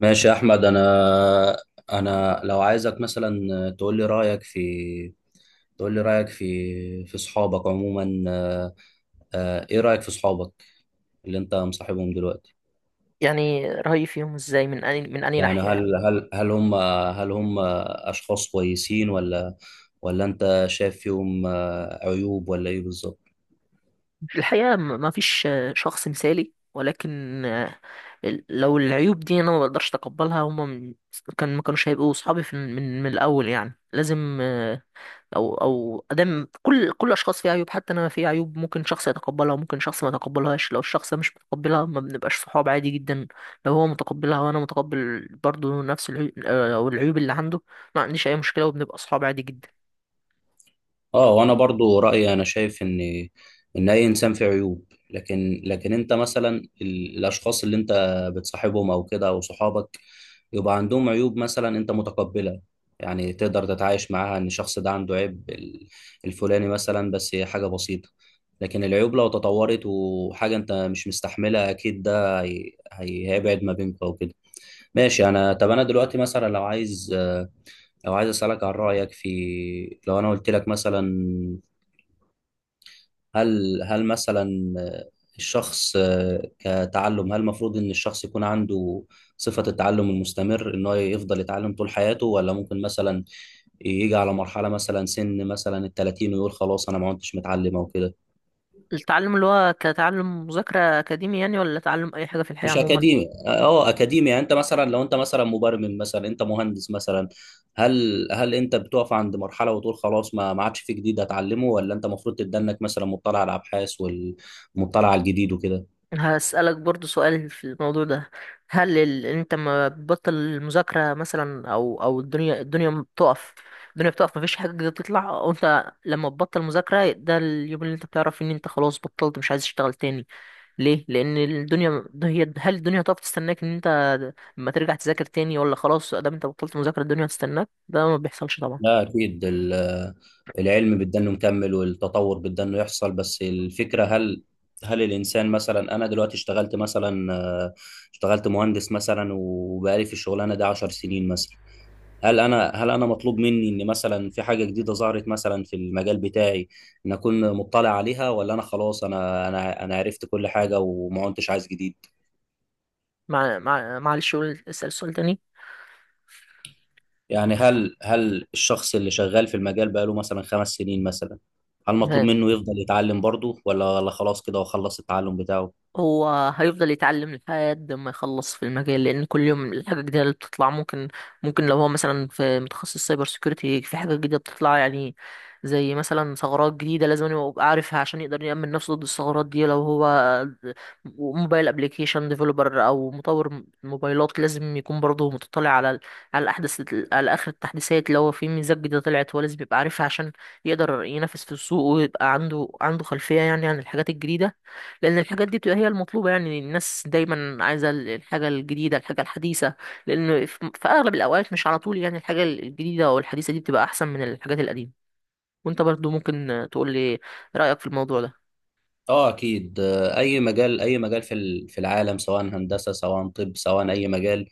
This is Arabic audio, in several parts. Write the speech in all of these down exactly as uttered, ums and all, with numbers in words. ماشي يا احمد، انا انا لو عايزك مثلا، تقول لي رايك في تقول لي رايك في في صحابك عموما، آه، آه، ايه رايك في صحابك اللي انت مصاحبهم دلوقتي؟ يعني رأيي فيهم ازاي من أني من أني يعني ناحية؟ يعني هل هل هل هم هل هم اشخاص كويسين ولا ولا انت شايف فيهم آه، عيوب، ولا ايه بالظبط؟ الحقيقة م- ما فيش آه، شخص مثالي، ولكن آه، ال- لو العيوب دي أنا ما بقدرش أتقبلها، هما م- كان ما كانوش هيبقوا صحابي في من من الأول. يعني لازم، آه، أو أو أدام، كل كل الأشخاص فيها عيوب، حتى أنا فيها عيوب، ممكن شخص يتقبلها وممكن شخص ما يتقبلهاش. لو الشخص ده مش متقبلها ما بنبقاش صحاب، عادي جدا. لو هو متقبلها وأنا متقبل برضه نفس العيوب أو العيوب اللي عنده، ما عنديش أي مشكلة وبنبقى صحاب عادي جدا. اه، وانا برضو رايي. انا شايف ان ان اي انسان فيه عيوب. لكن لكن انت مثلا ال- الاشخاص اللي انت بتصاحبهم او كده، او صحابك، يبقى عندهم عيوب. مثلا انت متقبلها، يعني تقدر تتعايش معاها ان الشخص ده عنده عيب ال- الفلاني مثلا، بس هي حاجة بسيطة. لكن العيوب لو تطورت وحاجة انت مش مستحملها، اكيد ده هي... هي- هيبعد ما بينكم او كده. ماشي. انا، طب انا دلوقتي مثلا لو عايز، لو عايز اسالك عن رايك، في لو انا قلت لك مثلا، هل هل مثلا الشخص كتعلم، هل المفروض ان الشخص يكون عنده صفة التعلم المستمر، ان هو يفضل يتعلم طول حياته، ولا ممكن مثلا يجي على مرحلة، مثلا سن مثلا ال ثلاثين، ويقول خلاص انا ما كنتش متعلم او كده؟ التعلم اللي هو كتعلم مذاكرة أكاديمي يعني، ولا تعلم أي حاجة في الحياة مش عموما؟ اكاديمي، اه اكاديمي. يعني انت مثلا، لو انت مثلا مبرمج مثلا، انت مهندس مثلا، هل هل انت بتقف عند مرحلة وتقول خلاص ما ما عادش في جديد اتعلمه، ولا انت المفروض تتدنك مثلا، مطلع على الابحاث والمطلع على الجديد وكده؟ أنا هسألك برضو سؤال في الموضوع ده. هل ال... أنت ما بتبطل المذاكرة مثلا، أو أو الدنيا الدنيا ما بتقف؟ الدنيا بتقف، مفيش حاجة جديدة بتطلع، أو أنت لما تبطل مذاكرة ده اليوم اللي أنت بتعرف إن أنت خلاص بطلت مش عايز تشتغل تاني؟ ليه؟ لأن الدنيا، هي هل الدنيا هتقف تستناك إن أنت لما ترجع تذاكر تاني، ولا خلاص ده أنت بطلت مذاكرة الدنيا هتستناك؟ ده ما بيحصلش طبعا. لا أكيد. ال- العلم بدنا إنه مكمل، والتطور بدنا إنه يحصل. بس الفكرة هل هل الإنسان مثلا، أنا دلوقتي اشتغلت مثلا، آه، اشتغلت مهندس مثلا، وبقالي في الشغلانة دي عشر سنين مثلا. هل أنا هل أنا مطلوب مني إن مثلا في حاجة جديدة ظهرت مثلا في المجال بتاعي، إن أكون مطلع عليها، ولا أنا خلاص أنا أنا أنا عرفت كل حاجة وما كنتش عايز جديد؟ مع... مع... معلش قول، اسأل سؤال تاني. يعني هل هل الشخص اللي شغال في المجال بقاله مثلا خمس سنين مثلا، هل مطلوب تمام. منه يفضل يتعلم برضه، ولا ولا خلاص كده هو خلص التعلم بتاعه؟ هو هيفضل يتعلم لحد ما يخلص في المجال، لان كل يوم الحاجه الجديده اللي بتطلع ممكن ممكن لو هو مثلا في متخصص سايبر سيكيورتي في حاجه جديده بتطلع، يعني زي مثلا ثغرات جديده، لازم يبقى عارفها عشان يقدر يأمن نفسه ضد الثغرات دي. لو هو موبايل ابلكيشن ديفلوبر او مطور موبايلات، لازم يكون برضه متطلع على ال- على احدث على اخر التحديثات، لو في ميزات جديده طلعت هو لازم يبقى عارفها عشان يقدر ينافس في السوق ويبقى عنده عنده خلفيه يعني عن الحاجات الجديده. لان الحاجات دي بتبقى هي المطلوبه، يعني الناس دايما عايزه ال- الحاجه الجديده، الحاجه الحديثه. لان في في اغلب الاوقات، مش على طول يعني الحاجه الجديده او الحديثه دي بتبقى احسن من الحاجات القديمه. وانت برضو ممكن تقول لي رايك في الموضوع ده. اه اكيد. آه، اي مجال، اي مجال في ال- في العالم، سواء هندسه سواء طب سواء اي مجال.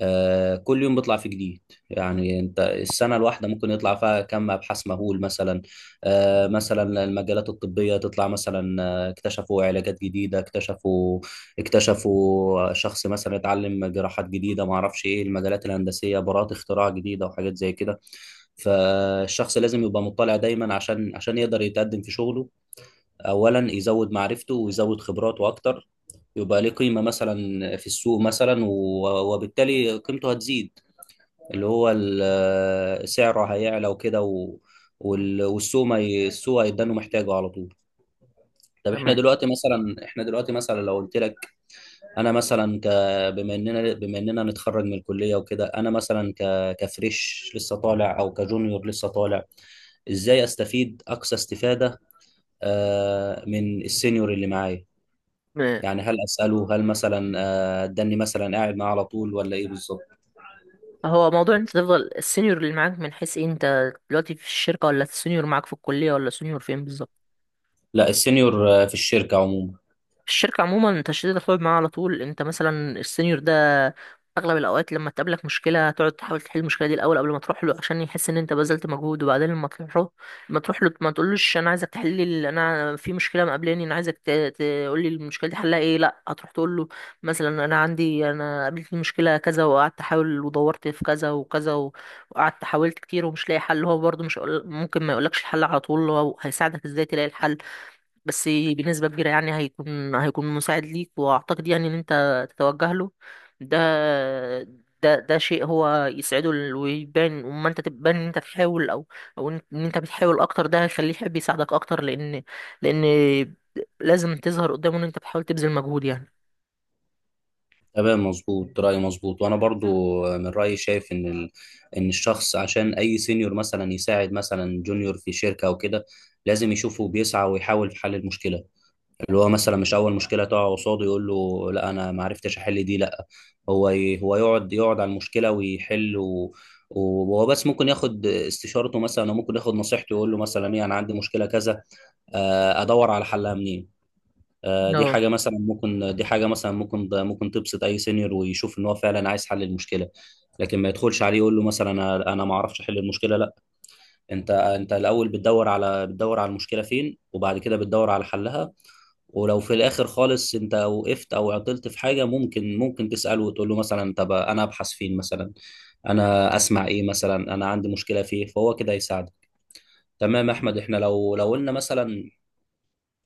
آه، كل يوم بيطلع في جديد. يعني انت السنه الواحده ممكن يطلع فيها كم ابحاث مهول مثلا. آه، مثلا المجالات الطبيه تطلع مثلا، آه، اكتشفوا علاجات جديده، اكتشفوا اكتشفوا شخص مثلا اتعلم جراحات جديده، ما اعرفش ايه. المجالات الهندسيه براءه اختراع جديده وحاجات زي كده. فالشخص لازم يبقى مطلع دايما، عشان عشان يقدر يتقدم في شغله. اولا يزود معرفته ويزود خبراته اكتر، يبقى ليه قيمة مثلا في السوق مثلا، و- وبالتالي قيمته هتزيد، اللي هو ال- سعره هيعلى وكده، و- وال- والسوق ما ي- السوق هيدانه محتاجه على طول. طب احنا تمام. دلوقتي مثلا، احنا دلوقتي مثلا لو قلت لك، انا مثلا ك بما اننا، بما اننا نتخرج من الكليه وكده، انا مثلا ك كفريش لسه طالع، او كجونيور لسه طالع، ازاي استفيد اقصى استفاده آه، من السينيور اللي معايا؟ م- يعني هل اساله؟ هل مثلا آه، اداني مثلا قاعد معاه على طول ولا ايه بالظبط؟ هو موضوع انت تفضل السينيور اللي معاك من حيث ايه؟ انت دلوقتي في الشركه، ولا السينيور معاك في الكليه، ولا سينيور فين بالظبط؟ لا، السينيور آه، في الشركه عموما. الشركة عموما تشديد الخلق معاها على طول. انت مثلا السينيور ده، اغلب الاوقات لما تقابلك مشكلة تقعد تحاول تحل المشكلة دي الاول قبل ما تروح له، عشان يحس ان انت بذلت مجهود. وبعدين لما تروح له، ما تروح له ما تقولوش انا عايزك تحل لي ال- انا في مشكلة مقابلاني، انا عايزك تقول لي المشكلة دي حلها ايه. لا، هتروح تقول له مثلا انا عندي انا قابلتني مشكلة كذا وقعدت احاول ودورت في كذا وكذا، و- وقعدت حاولت كتير ومش لاقي حل. هو برضه مش هيقول- ممكن ما يقولكش الحل على طول، هو هيساعدك ازاي تلاقي الحل. بس بنسبة كبيرة يعني هيكون هيكون مساعد ليك. وأعتقد يعني إن أنت تتوجه له، ده ده ده شيء هو يسعده. ال- ويبان وما أنت تبان إن أنت بتحاول، أو أو إن إن أنت بتحاول أكتر، ده هيخليه يحب يساعدك أكتر. لأن لأن لازم تظهر قدامه إن أنت بتحاول تبذل مجهود يعني. تمام، مظبوط، رايي مظبوط. وانا برضو آه، من رايي شايف ان ال... ان الشخص عشان اي سينيور مثلا يساعد مثلا جونيور في شركه او كده، لازم يشوفه بيسعى ويحاول في حل المشكله. اللي هو مثلا مش اول مشكله تقع قصاده يقول له لا انا ما عرفتش احل دي، لا. هو، ي- هو يقعد يقعد على المشكله ويحل. و... وهو بس ممكن ياخد استشارته مثلا، او ممكن ياخد نصيحته. يقول له مثلا ايه: انا عندي مشكله كذا، آه، ادور على حلها منين؟ آه، دي ده حاجه مثلا ممكن، دي حاجه مثلا ممكن ممكن تبسط اي سينيور، ويشوف ان هو فعلا عايز حل المشكله. لكن ما يدخلش عليه يقول له مثلا: انا أنا ما اعرفش احل المشكله، لا. انت انت الاول بتدور على بتدور على المشكله فين، وبعد كده بتدور على حلها. ولو في الاخر خالص انت وقفت او عطلت في حاجه، ممكن ممكن تساله وتقول له مثلا: طب انا ابحث فين مثلا؟ انا اسمع ايه مثلا؟ انا عندي مشكله فيه. فهو كده يساعدك. تمام يا احمد. احنا لو لو قلنا مثلا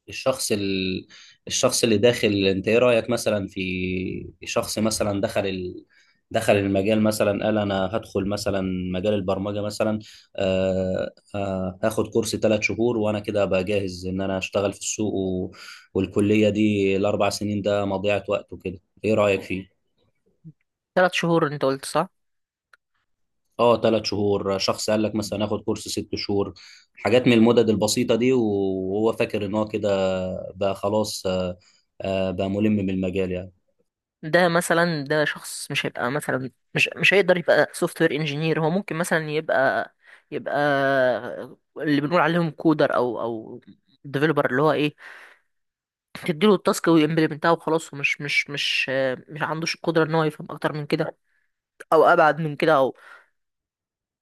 الشخص، ال... الشخص اللي داخل، انت ايه رأيك مثلا في شخص مثلا دخل، ال... دخل المجال مثلا؟ قال: انا هدخل مثلا مجال البرمجة مثلا، آه آه هاخد كورس ثلاث شهور، وانا كده ابقى جاهز ان انا اشتغل في السوق، و... والكلية دي الاربع سنين ده مضيعة وقت وكده. ايه رأيك فيه؟ تلات شهور أنت قلت صح؟ اه، ثلاث شهور. شخص قال لك مثلا هاخد كورس ست شهور، حاجات من المدد البسيطة دي، وهو فاكر ان هو كده بقى خلاص، آه آه بقى ملم بالمجال يعني. ده مثلا، ده شخص مش هيبقى مثلا، مش مش هيقدر يبقى سوفت وير انجينير. هو ممكن مثلا يبقى يبقى اللي بنقول عليهم كودر او او ديفلوبر، اللي هو ايه، تديله التاسك ويمبلمنتها وخلاص. ومش مش مش مش عندوش القدره ان هو يفهم اكتر من كده او ابعد من كده.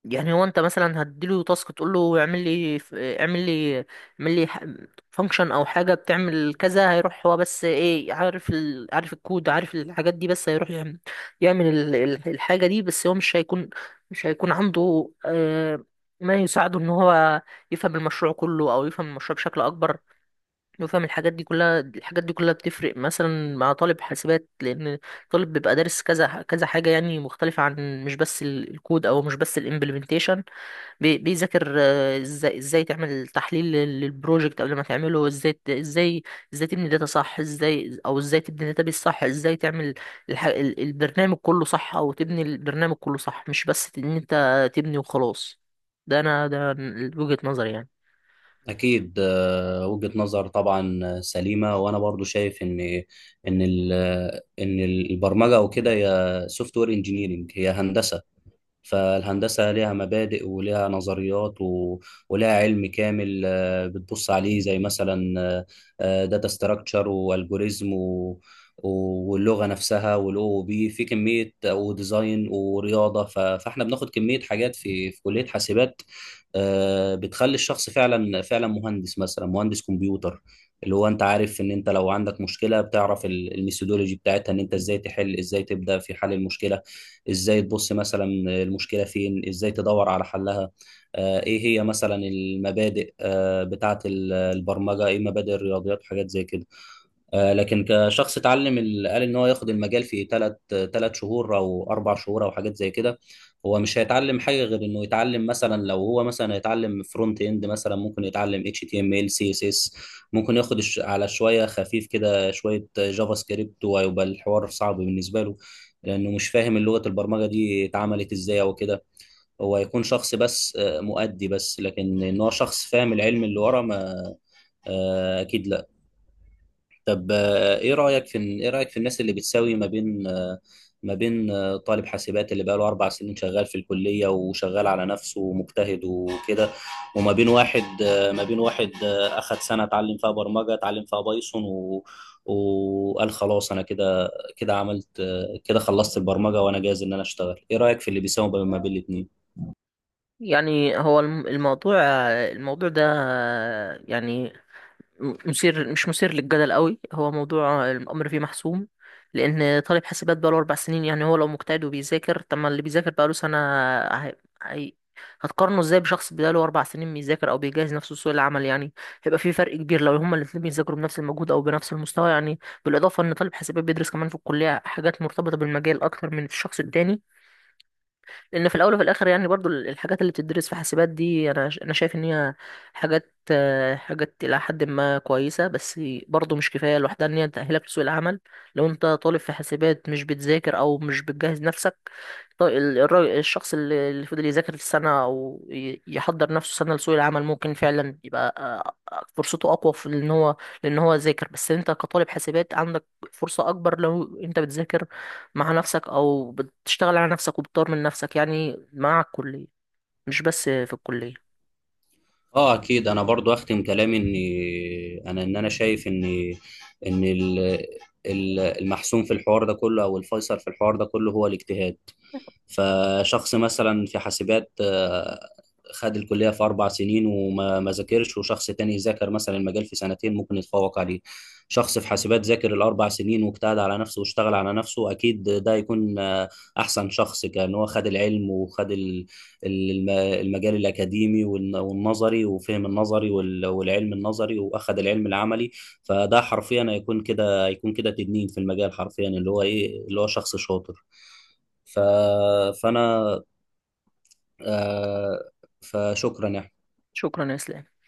يعني هو انت مثلا هتديله تاسك تقول له اعمل لي ف- اعمل لي اعمل لي فانكشن او حاجه بتعمل كذا، هيروح هو، بس ايه، عارف ال... عارف الكود، عارف الحاجات دي، بس هيروح يعمل يعمل ال- ال- الحاجه دي بس. هو مش هيكون مش هيكون عنده آه، ما يساعده ان هو يفهم المشروع كله، او يفهم المشروع بشكل اكبر، يفهم الحاجات دي كلها. الحاجات دي كلها بتفرق مثلا مع طالب حاسبات، لان طالب بيبقى دارس كذا كذا حاجه يعني مختلفه، عن مش بس ال- الكود او مش بس الامبلمنتيشن. بي- بيذاكر آه، ازاي ازاي تعمل تحليل لل- للبروجكت قبل ما تعمله، ازاي ت- ازاي ازاي تبني داتا صح، ازاي او ازاي تبني داتابيس صح، ازاي تعمل الح... ال- البرنامج كله صح، او تبني البرنامج كله صح، مش بس ان انت تبني وخلاص. ده انا ده وجهة نظري يعني. أكيد آه، وجهة نظر طبعا آه، سليمة. وأنا برضو شايف إن إن ال- إن البرمجة وكده، هي سوفت وير إنجينيرنج، هي هندسة. فالهندسة ليها مبادئ وليها نظريات و... وليها علم كامل آه، بتبص عليه زي مثلا داتا ستراكشر والجوريزم و... واللغة نفسها، والاو او بي في كمية، وديزاين، ورياضة. ف... فاحنا بناخد كمية حاجات في في كلية حاسبات آه، بتخلي الشخص فعلا فعلا مهندس مثلا مهندس كمبيوتر. اللي هو انت عارف ان انت لو عندك مشكلة بتعرف ال- الميثودولوجي بتاعتها، ان انت ازاي تحل ازاي تبدأ في حل المشكلة، ازاي تبص مثلا المشكله فين، ازاي تدور على حلها. آه، ايه هي مثلا المبادئ آه، بتاعه البرمجه، ايه مبادئ الرياضيات وحاجات زي كده. آه، لكن كشخص اتعلم، ال- قال ان هو ياخد المجال في ثلاث ثلاث شهور او اربع شهور او حاجات زي كده، هو مش هيتعلم حاجه غير انه يتعلم. مثلا لو هو مثلا هيتعلم فرونت اند مثلا، ممكن يتعلم اتش تي ام ال سي اس اس، ممكن ياخد الش- على شويه خفيف كده شويه جافا سكريبت، وهيبقى الحوار صعب بالنسبه له، لانه مش فاهم لغه البرمجه دي اتعملت ازاي او كده. هو هيكون شخص بس آه، مؤدي بس. لكن ان هو شخص فاهم العلم اللي ورا، ما... آه، اكيد لا. طب آه، ايه رايك في، ايه رايك في الناس اللي بتساوي ما بين آه، ما بين آه، طالب حاسبات اللي بقاله اربع سنين شغال في الكليه وشغال على نفسه ومجتهد وكده، وما بين واحد، آه، ما بين واحد آه، اخد سنه اتعلم فيها برمجه، اتعلم فيها بايثون، و وقال خلاص انا كده، كده عملت آه، كده خلصت البرمجه وانا جاهز ان انا اشتغل. ايه رايك في اللي بيساوي ما بين الاثنين؟ يعني هو الم- الموضوع الموضوع ده، يعني م- مثير مش مثير للجدل قوي، هو موضوع الأمر فيه محسوم. لأن طالب حاسبات بقاله أربع سنين، يعني هو لو مجتهد وبيذاكر، طب ما اللي بيذاكر بقاله سنة، هي... هي... هتقارنه ازاي بشخص بقاله أربع سنين بيذاكر أو بيجهز نفسه لسوق العمل؟ يعني هيبقى في فرق كبير لو هما الاتنين بيذاكروا بنفس المجهود أو بنفس المستوى يعني. بالإضافة إن طالب حاسبات بيدرس كمان في الكلية حاجات مرتبطة بالمجال أكتر من الشخص التاني. لان في الاول وفي الاخر، يعني برضو ال- الحاجات اللي بتدرس في حاسبات دي، انا ش- انا شايف ان هي حاجات آه، حاجات الى حد ما كويسه، بس برضو مش كفايه لوحدها ان هي تاهلك لسوق العمل. لو انت طالب في حاسبات مش بتذاكر او مش بتجهز نفسك، طي- ال- الراجل- الشخص اللي اللي فضل يذاكر السنه او ي- يحضر نفسه سنه لسوق العمل، ممكن فعلا يبقى، آه، آه، فرصته اقوى في ان هو، لان هو ذاكر. بس انت كطالب حاسبات عندك فرصه اكبر لو انت بتذاكر مع نفسك او بتشتغل على نفسك وبتطور من نفسك، يعني مع الكلية مش بس في الكلية. اه اكيد. انا برضو اختم كلامي اني انا ان انا شايف ان ان ال- ال- المحسوم في الحوار ده كله، او الفيصل في الحوار ده كله، هو الاجتهاد. فشخص مثلا في حاسبات آه، خد الكلية في أربع سنين وما ما ذاكرش، وشخص تاني ذاكر مثلا المجال في سنتين، ممكن يتفوق عليه. شخص في حاسبات ذاكر الأربع سنين واجتهد على نفسه واشتغل على نفسه، أكيد ده يكون آه، أحسن شخص، كأن هو خد العلم، وخد ال- ال- الم- المجال الأكاديمي، والن- والنظري، وفهم النظري، وال- والعلم النظري، وأخد العلم العملي. فده حرفيا هيكون كده، هيكون كده تدنين في المجال حرفيا، اللي هو إيه، اللي هو شخص شاطر. ف... فانا، آه، فشكرا يا أحمد. شكرا يا اسلام.